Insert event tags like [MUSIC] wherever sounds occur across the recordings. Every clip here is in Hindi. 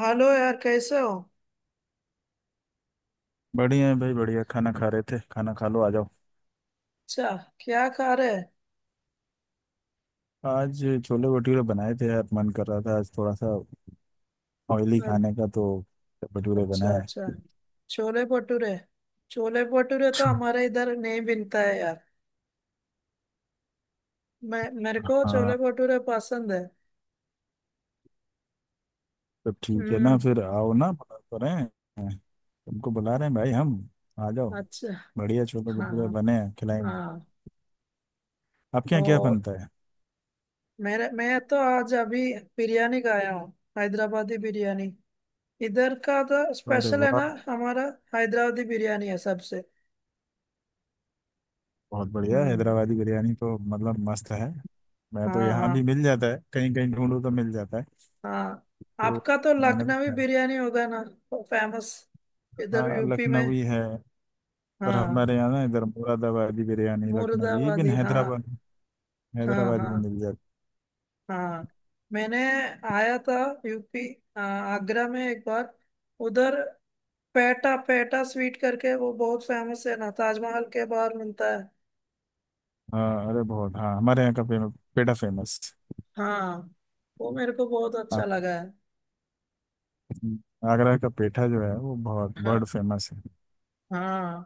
हेलो यार, कैसे हो? बढ़िया है भाई। बढ़िया खाना खा रहे थे। खाना खा लो, आ जाओ। अच्छा। क्या खा रहे हैं? आज छोले भटूरे बनाए थे यार। मन कर रहा था आज थोड़ा सा ऑयली खाने का, तो भटूरे अच्छा, बनाए। अच्छा। छोले भटूरे। छोले भटूरे तो छोले। हमारे इधर नहीं बनता है यार। मैं मेरे को छोले हाँ, भटूरे पसंद है। तो ठीक है ना, हम्म। फिर आओ ना, बुला तो रहे हैं। तुमको बुला रहे हैं भाई हम, आ जाओ। अच्छा। बढ़िया छोले हाँ, भटूरे हाँ, बने हैं, खिलाएंगे। हाँ। आपके तो यहाँ क्या बनता है? मेरे मैं तो आज अभी बिरयानी खाया हूँ। हैदराबादी बिरयानी। इधर का तो अरे स्पेशल है ना। वाह। हमारा हैदराबादी बिरयानी है सबसे। बहुत बढ़िया, हम्म। हैदराबादी बिरयानी तो मतलब मस्त है। मैं तो हाँ, यहाँ भी हाँ, मिल जाता है, कहीं कहीं ढूंढो तो मिल जाता है। हाँ। तो आपका तो मैंने तो लखनवी खाया। बिरयानी होगा ना। फेमस। इधर हाँ, यूपी में। लखनवी है। पर हाँ। हमारे यहाँ ना, इधर मुरादाबादी बिरयानी, लखनवी, इवन मुर्दाबादी हाँ। हैदराबाद, हाँ, हैदराबादी भी हाँ, मिल जाती हाँ। मैंने आया था यूपी। आगरा में एक बार, उधर। पेटा पेटा स्वीट करके वो बहुत फेमस है ना, ताजमहल के बाहर मिलता है। है। हाँ, अरे बहुत। हाँ, हमारे यहाँ का फेमस पेठा, फेमस। हाँ। वो मेरे को बहुत हाँ, अच्छा लगा है। आगरा का पेठा जो है वो बहुत बर्ड हाँ, फेमस है। हाँ।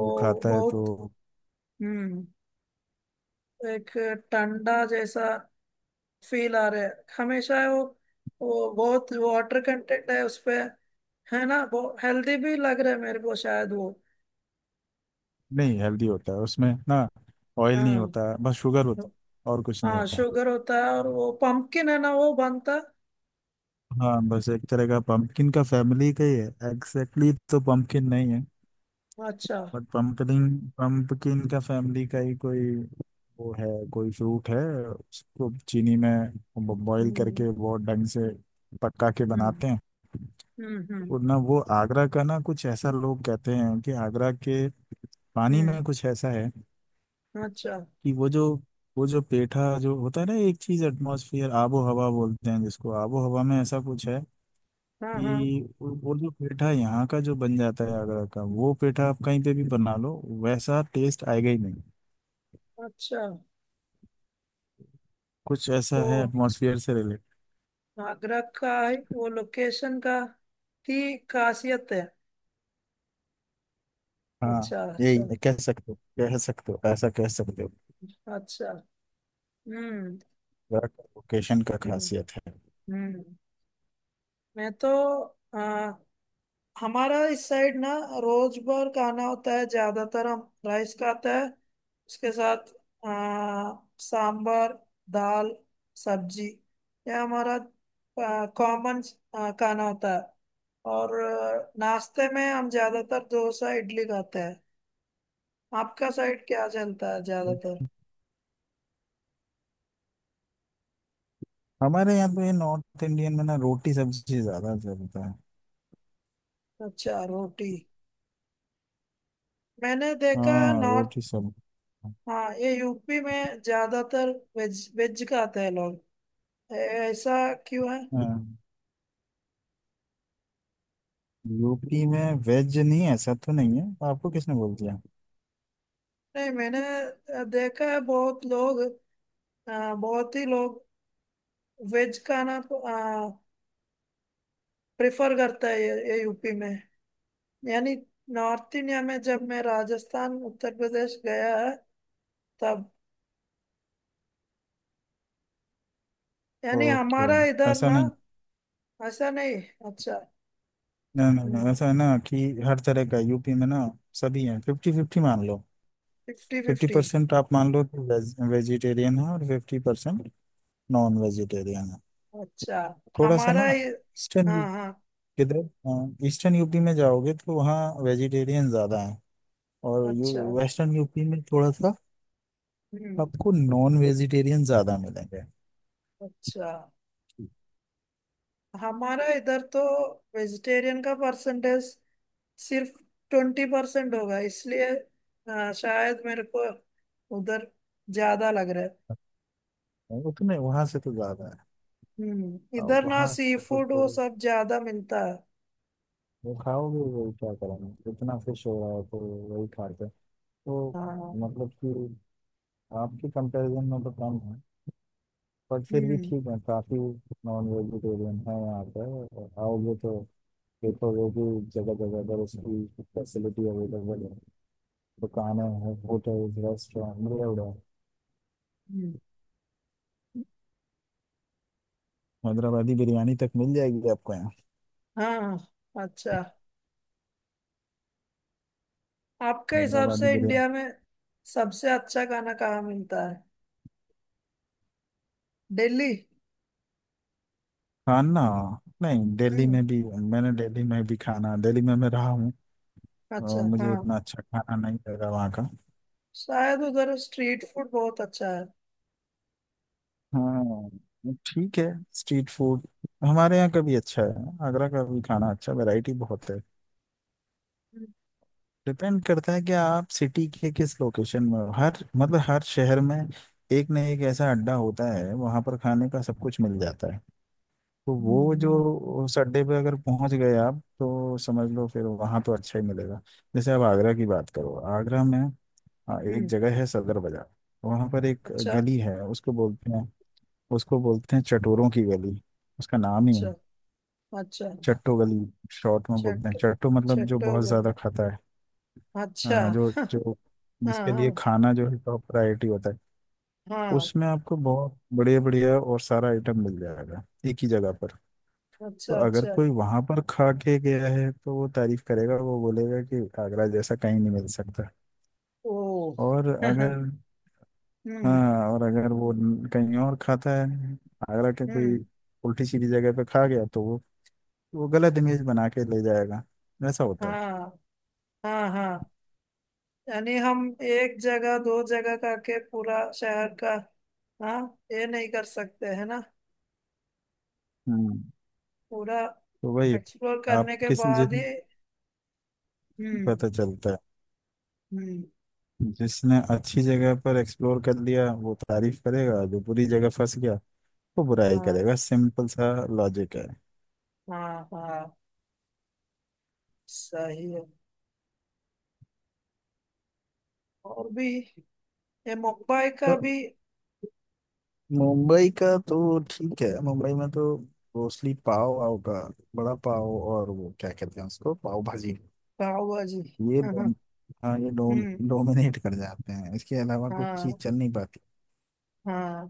वो खाता है तो बहुत। हम्म। एक टंडा जैसा फील आ रहे हैं हमेशा वो। वो बहुत वाटर कंटेंट है उसपे, है ना। वो हेल्दी भी लग रहा है मेरे को, शायद वो। नहीं, हेल्दी होता है उसमें ना। ऑयल नहीं हाँ। होता है, बस शुगर होता है और कुछ नहीं हाँ, होता। शुगर होता है और वो पंपकिन है ना वो बनता है। हाँ, बस एक तरह का पंपकिन का फैमिली का ही है। एग्जैक्टली तो पंपकिन नहीं है अच्छा। बट पंपकिन, पंपकिन का फैमिली का ही कोई वो है, कोई फ्रूट है। उसको चीनी में बॉईल हम्म। करके बहुत ढंग से पका के हम्म। बनाते हैं। हम्म। हम्म। और ना, वो आगरा का ना कुछ ऐसा, लोग कहते हैं कि आगरा के पानी में कुछ ऐसा है अच्छा। कि वो जो पेठा जो होता है ना, एक चीज एटमॉस्फेयर, आबो हवा बोलते हैं जिसको, आबो हवा में ऐसा कुछ है हाँ, हाँ। कि वो जो पेठा यहाँ का जो बन जाता है आगरा का, वो पेठा आप कहीं पे भी बना लो वैसा टेस्ट आएगा ही नहीं। अच्छा, कुछ ऐसा तो है एटमॉस्फेयर से रिलेटेड। आगरा का ही वो लोकेशन का की खासियत है। हाँ, अच्छा, अच्छा। यही कह सकते हो ऐसा कह सकते हो। अच्छा। हम्म। लोकेशन का हम्म। खासियत है। हम्म। मैं तो, हमारा इस साइड ना, रोज भर का खाना होता है ज्यादातर। हम राइस खाते हैं उसके साथ। आ, सांबर, दाल, सब्जी, यह हमारा कॉमन खाना होता है। और नाश्ते में हम ज्यादातर डोसा इडली खाते हैं। आपका साइड क्या चलता है ज्यादातर? हमारे यहाँ पे नॉर्थ इंडियन में ना, रोटी सब्जी ज्यादा चलता है। अच्छा, रोटी। मैंने देखा है हाँ, नॉर्थ। रोटी सब्जी। हाँ, ये यूपी में ज्यादातर वेज वेज खाते हैं लोग। ऐसा क्यों है? हाँ, यूपी में वेज नहीं है ऐसा तो नहीं है। आपको किसने बोल दिया? नहीं, मैंने देखा है बहुत लोग। बहुत ही लोग वेज खाना प्रेफर करता है ये यूपी में। यानी नॉर्थ इंडिया में जब मैं राजस्थान, उत्तर प्रदेश गया है, तब यानी ओके, हमारा इधर ऐसा ना। नहीं। ऐसा नहीं। अच्छा। नहीं नहीं नहीं, ऐसा है ना कि हर तरह का यूपी में ना सभी है। फिफ्टी फिफ्टी मान लो। Fifty fifty fifty. परसेंट आप मान लो कि वेज, वेजिटेरियन है और फिफ्टी परसेंट नॉन वेजिटेरियन। अच्छा। थोड़ा सा ना, हमारा ये। ईस्टर्न हाँ, हाँ। किधर, ईस्टर्न यूपी में जाओगे तो वहाँ वेजिटेरियन ज़्यादा हैं। और ये अच्छा। वेस्टर्न यूपी में थोड़ा सा हम्म। आपको नॉन वेजिटेरियन ज़्यादा मिलेंगे। अच्छा। हमारा इधर तो वेजिटेरियन का परसेंटेज सिर्फ 20% होगा, इसलिए शायद मेरे को उधर ज्यादा लग रहा है। उतने वहाँ से तो ज़्यादा है। और इधर ना वहाँ सी से तो फूड वो वो सब ज्यादा मिलता है। वो खाओगे, वही क्या करेंगे, इतना फिश हो रहा है तो वही खाते हैं। तो हाँ। मतलब कि आपके कंपैरिजन में तो कम है पर फिर भी हम्म। ठीक है, काफ़ी नॉन वेजिटेरियन है यहाँ पे। आओगे तो देखोगे कि जगह जगह पर उसकी फैसिलिटी अवेलेबल है, दुकानें हैं, होटल्स रेस्टोरेंट मिले हुए हैं। हम्म, हैदराबादी बिरयानी तक मिल जाएगी आपको यहाँ। हाँ। अच्छा, आपके हिसाब हैदराबादी से बिरयानी इंडिया में सबसे अच्छा खाना कहाँ मिलता है? दिल्ली। खाना? नहीं, दिल्ली हम्म। में भी मैंने दिल्ली में भी खाना, दिल्ली में मैं रहा हूँ और अच्छा। मुझे हाँ। इतना अच्छा खाना नहीं लगा वहाँ का। शायद उधर स्ट्रीट फूड बहुत अच्छा है। हाँ, ठीक है। स्ट्रीट फूड हमारे यहाँ का भी अच्छा है, आगरा का भी खाना अच्छा, वैरायटी बहुत है। हम्म। डिपेंड करता है कि आप सिटी के किस लोकेशन में हो। हर मतलब हर शहर में एक न एक ऐसा अड्डा होता है, वहां पर खाने का सब कुछ मिल जाता है। तो वो जो हम्म। उस अड्डे पे अगर पहुंच गए आप तो समझ लो फिर, वहां तो अच्छा ही मिलेगा। जैसे आप आगरा की बात करो, आगरा में हाँ, हम्म, एक हम्म, जगह है सदर बाजार। वहां पर एक अच्छा, गली है, उसको बोलते हैं चटोरों की गली। उसका नाम ही है अच्छा। अच्छा। चट्टो गली, शॉर्ट में बोलते हैं चट चट्टो, मतलब जो बहुत चट्टोगल। ज्यादा खाता है। अच्छा। हाँ, जो [LAUGHS] हाँ, जो इसके लिए हाँ, खाना जो है टॉप प्रायोरिटी होता है, हाँ। उसमें आपको बहुत बढ़िया बढ़िया और सारा आइटम मिल जाएगा एक ही जगह पर। तो अच्छा, अगर अच्छा। कोई वहां पर खा के गया है तो वो तारीफ करेगा, वो बोलेगा कि आगरा जैसा कहीं नहीं मिल सकता। ओ। और [LAUGHS] हम्म। अगर हाँ, और अगर वो कहीं और खाता है, आगरा के कोई हम्म। उल्टी सीधी जगह पे खा गया तो वो गलत इमेज बना के ले जाएगा। ऐसा होता है। हाँ, हाँ, हाँ। यानी हम एक जगह दो जगह करके पूरा शहर का। हाँ। ये नहीं कर सकते है ना? हम्म पूरा तो वही, एक्सप्लोर आप करने के किस जिस बाद ही। हम्म। पता चलता है। हम्म। जिसने अच्छी जगह पर एक्सप्लोर कर लिया वो तारीफ करेगा, जो बुरी जगह फंस गया वो बुराई हाँ, करेगा, सिंपल सा लॉजिक है। हाँ, हाँ। सही है। और भी। ये मुंबई तो का भी। मुंबई का तो ठीक है, मुंबई में तो मोस्टली पाव होगा, बड़ा पाव और वो क्या कहते हैं उसको, पाव भाजी। भाव है जी। ये [LAUGHS] हाँ, दोनों हाँ, ये हम्म। डोमिनेट कर जाते हैं, इसके अलावा कुछ चीज हाँ, चल नहीं पाती। हाँ।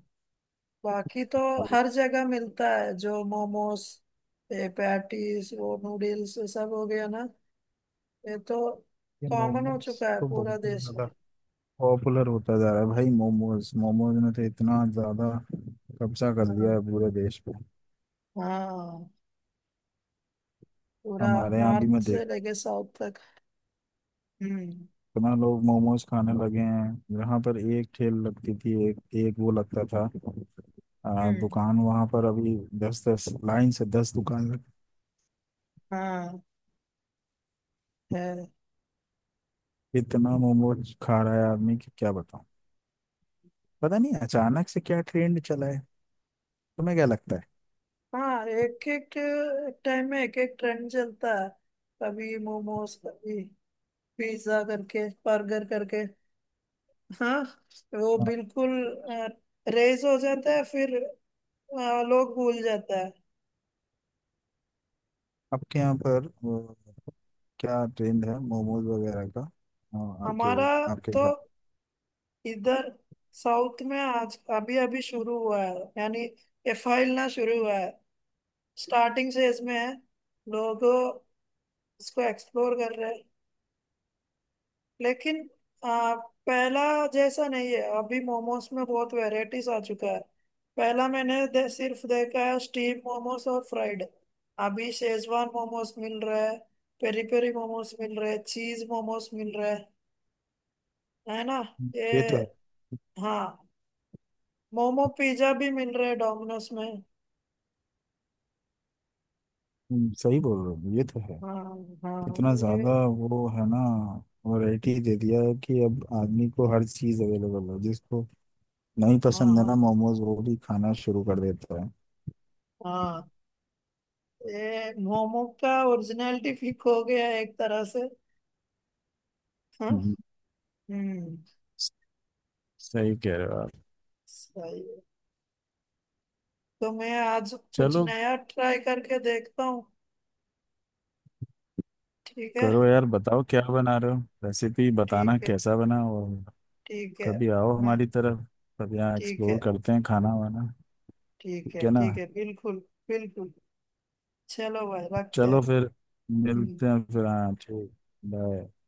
बाकी तो हर जगह मिलता है जो मोमोस, ये पैटीज, वो नूडल्स, ये सब हो गया ना। ये तो ये कॉमन हो मोमोज चुका है तो बहुत पूरा ही देश ज्यादा में। पॉपुलर होता जा रहा है भाई। मोमोज मोमोज ने तो इतना ज्यादा कब्जा कर लिया हाँ, है पूरे देश। हाँ, पूरा हमारे यहाँ भी नॉर्थ मैं से देख लेके साउथ तक। हम्म। इतना लोग मोमोज खाने लगे हैं। यहाँ पर एक ठेल लगती थी, एक एक वो लगता था, हम्म। दुकान वहां पर अभी दस दस लाइन से दस दुकान लग-। हाँ, है। इतना मोमोज खा रहा है आदमी कि क्या बताऊं। पता नहीं अचानक से क्या ट्रेंड चला है। तुम्हें क्या लगता है? हाँ, एक एक टाइम में एक एक ट्रेंड चलता है। कभी मोमोज, कभी पिज्जा करके, बर्गर करके। हाँ। वो हाँ, बिल्कुल रेज हो जाता है फिर। हाँ, लोग भूल जाता है। आपके यहाँ पर वो, क्या ट्रेंड है मोमोज वगैरह का? हाँ, आपके हमारा आपके तो घर पे। इधर साउथ में आज अभी अभी शुरू हुआ है, यानी एफआई ना शुरू हुआ है। स्टार्टिंग फेज में है। लोग इसको एक्सप्लोर कर रहे हैं। लेकिन आ, पहला जैसा नहीं है, अभी मोमोज में बहुत वैरायटीज आ चुका है। पहला मैंने सिर्फ देखा है स्टीम मोमोज और फ्राइड। अभी शेजवान मोमोज मिल रहा है। पेरी पेरी मोमोज मिल रहे हैं, चीज मोमोज मिल रहे हैं, है ना। ये। ये तो है। हाँ। मोमो पिज्जा भी मिल रहे हैं डोमिनोज में। सही बोल रहे हो, ये तो है। हाँ, हाँ। इतना ये। ज्यादा वो है ना, वैरायटी दे दिया है कि अब आदमी को हर चीज अवेलेबल है, जिसको नहीं हाँ, पसंद है ना हाँ, मोमोज वो भी खाना शुरू कर देता है। हाँ। ये मोमो का ओरिजिनलिटी फीक हो गया है एक तरह से। हाँ। हम्म, हम्म। सही कह रहे हो आप। सही है। तो मैं आज कुछ चलो, नया ट्राई करके देखता हूँ। ठीक है। करो यार, बताओ क्या बना रहे हो, रेसिपी बताना ठीक है। कैसा बना। और ठीक है। कभी आओ मैं। हमारी तरफ, तब यहाँ ठीक एक्सप्लोर है। करते हैं खाना वाना। ठीक ठीक है। है ना? ठीक है, बिल्कुल। बिल्कुल। चलो भाई, रखते चलो हैं। फिर, हम्म। मिलते हैं फिर, हाँ ठीक। बाय।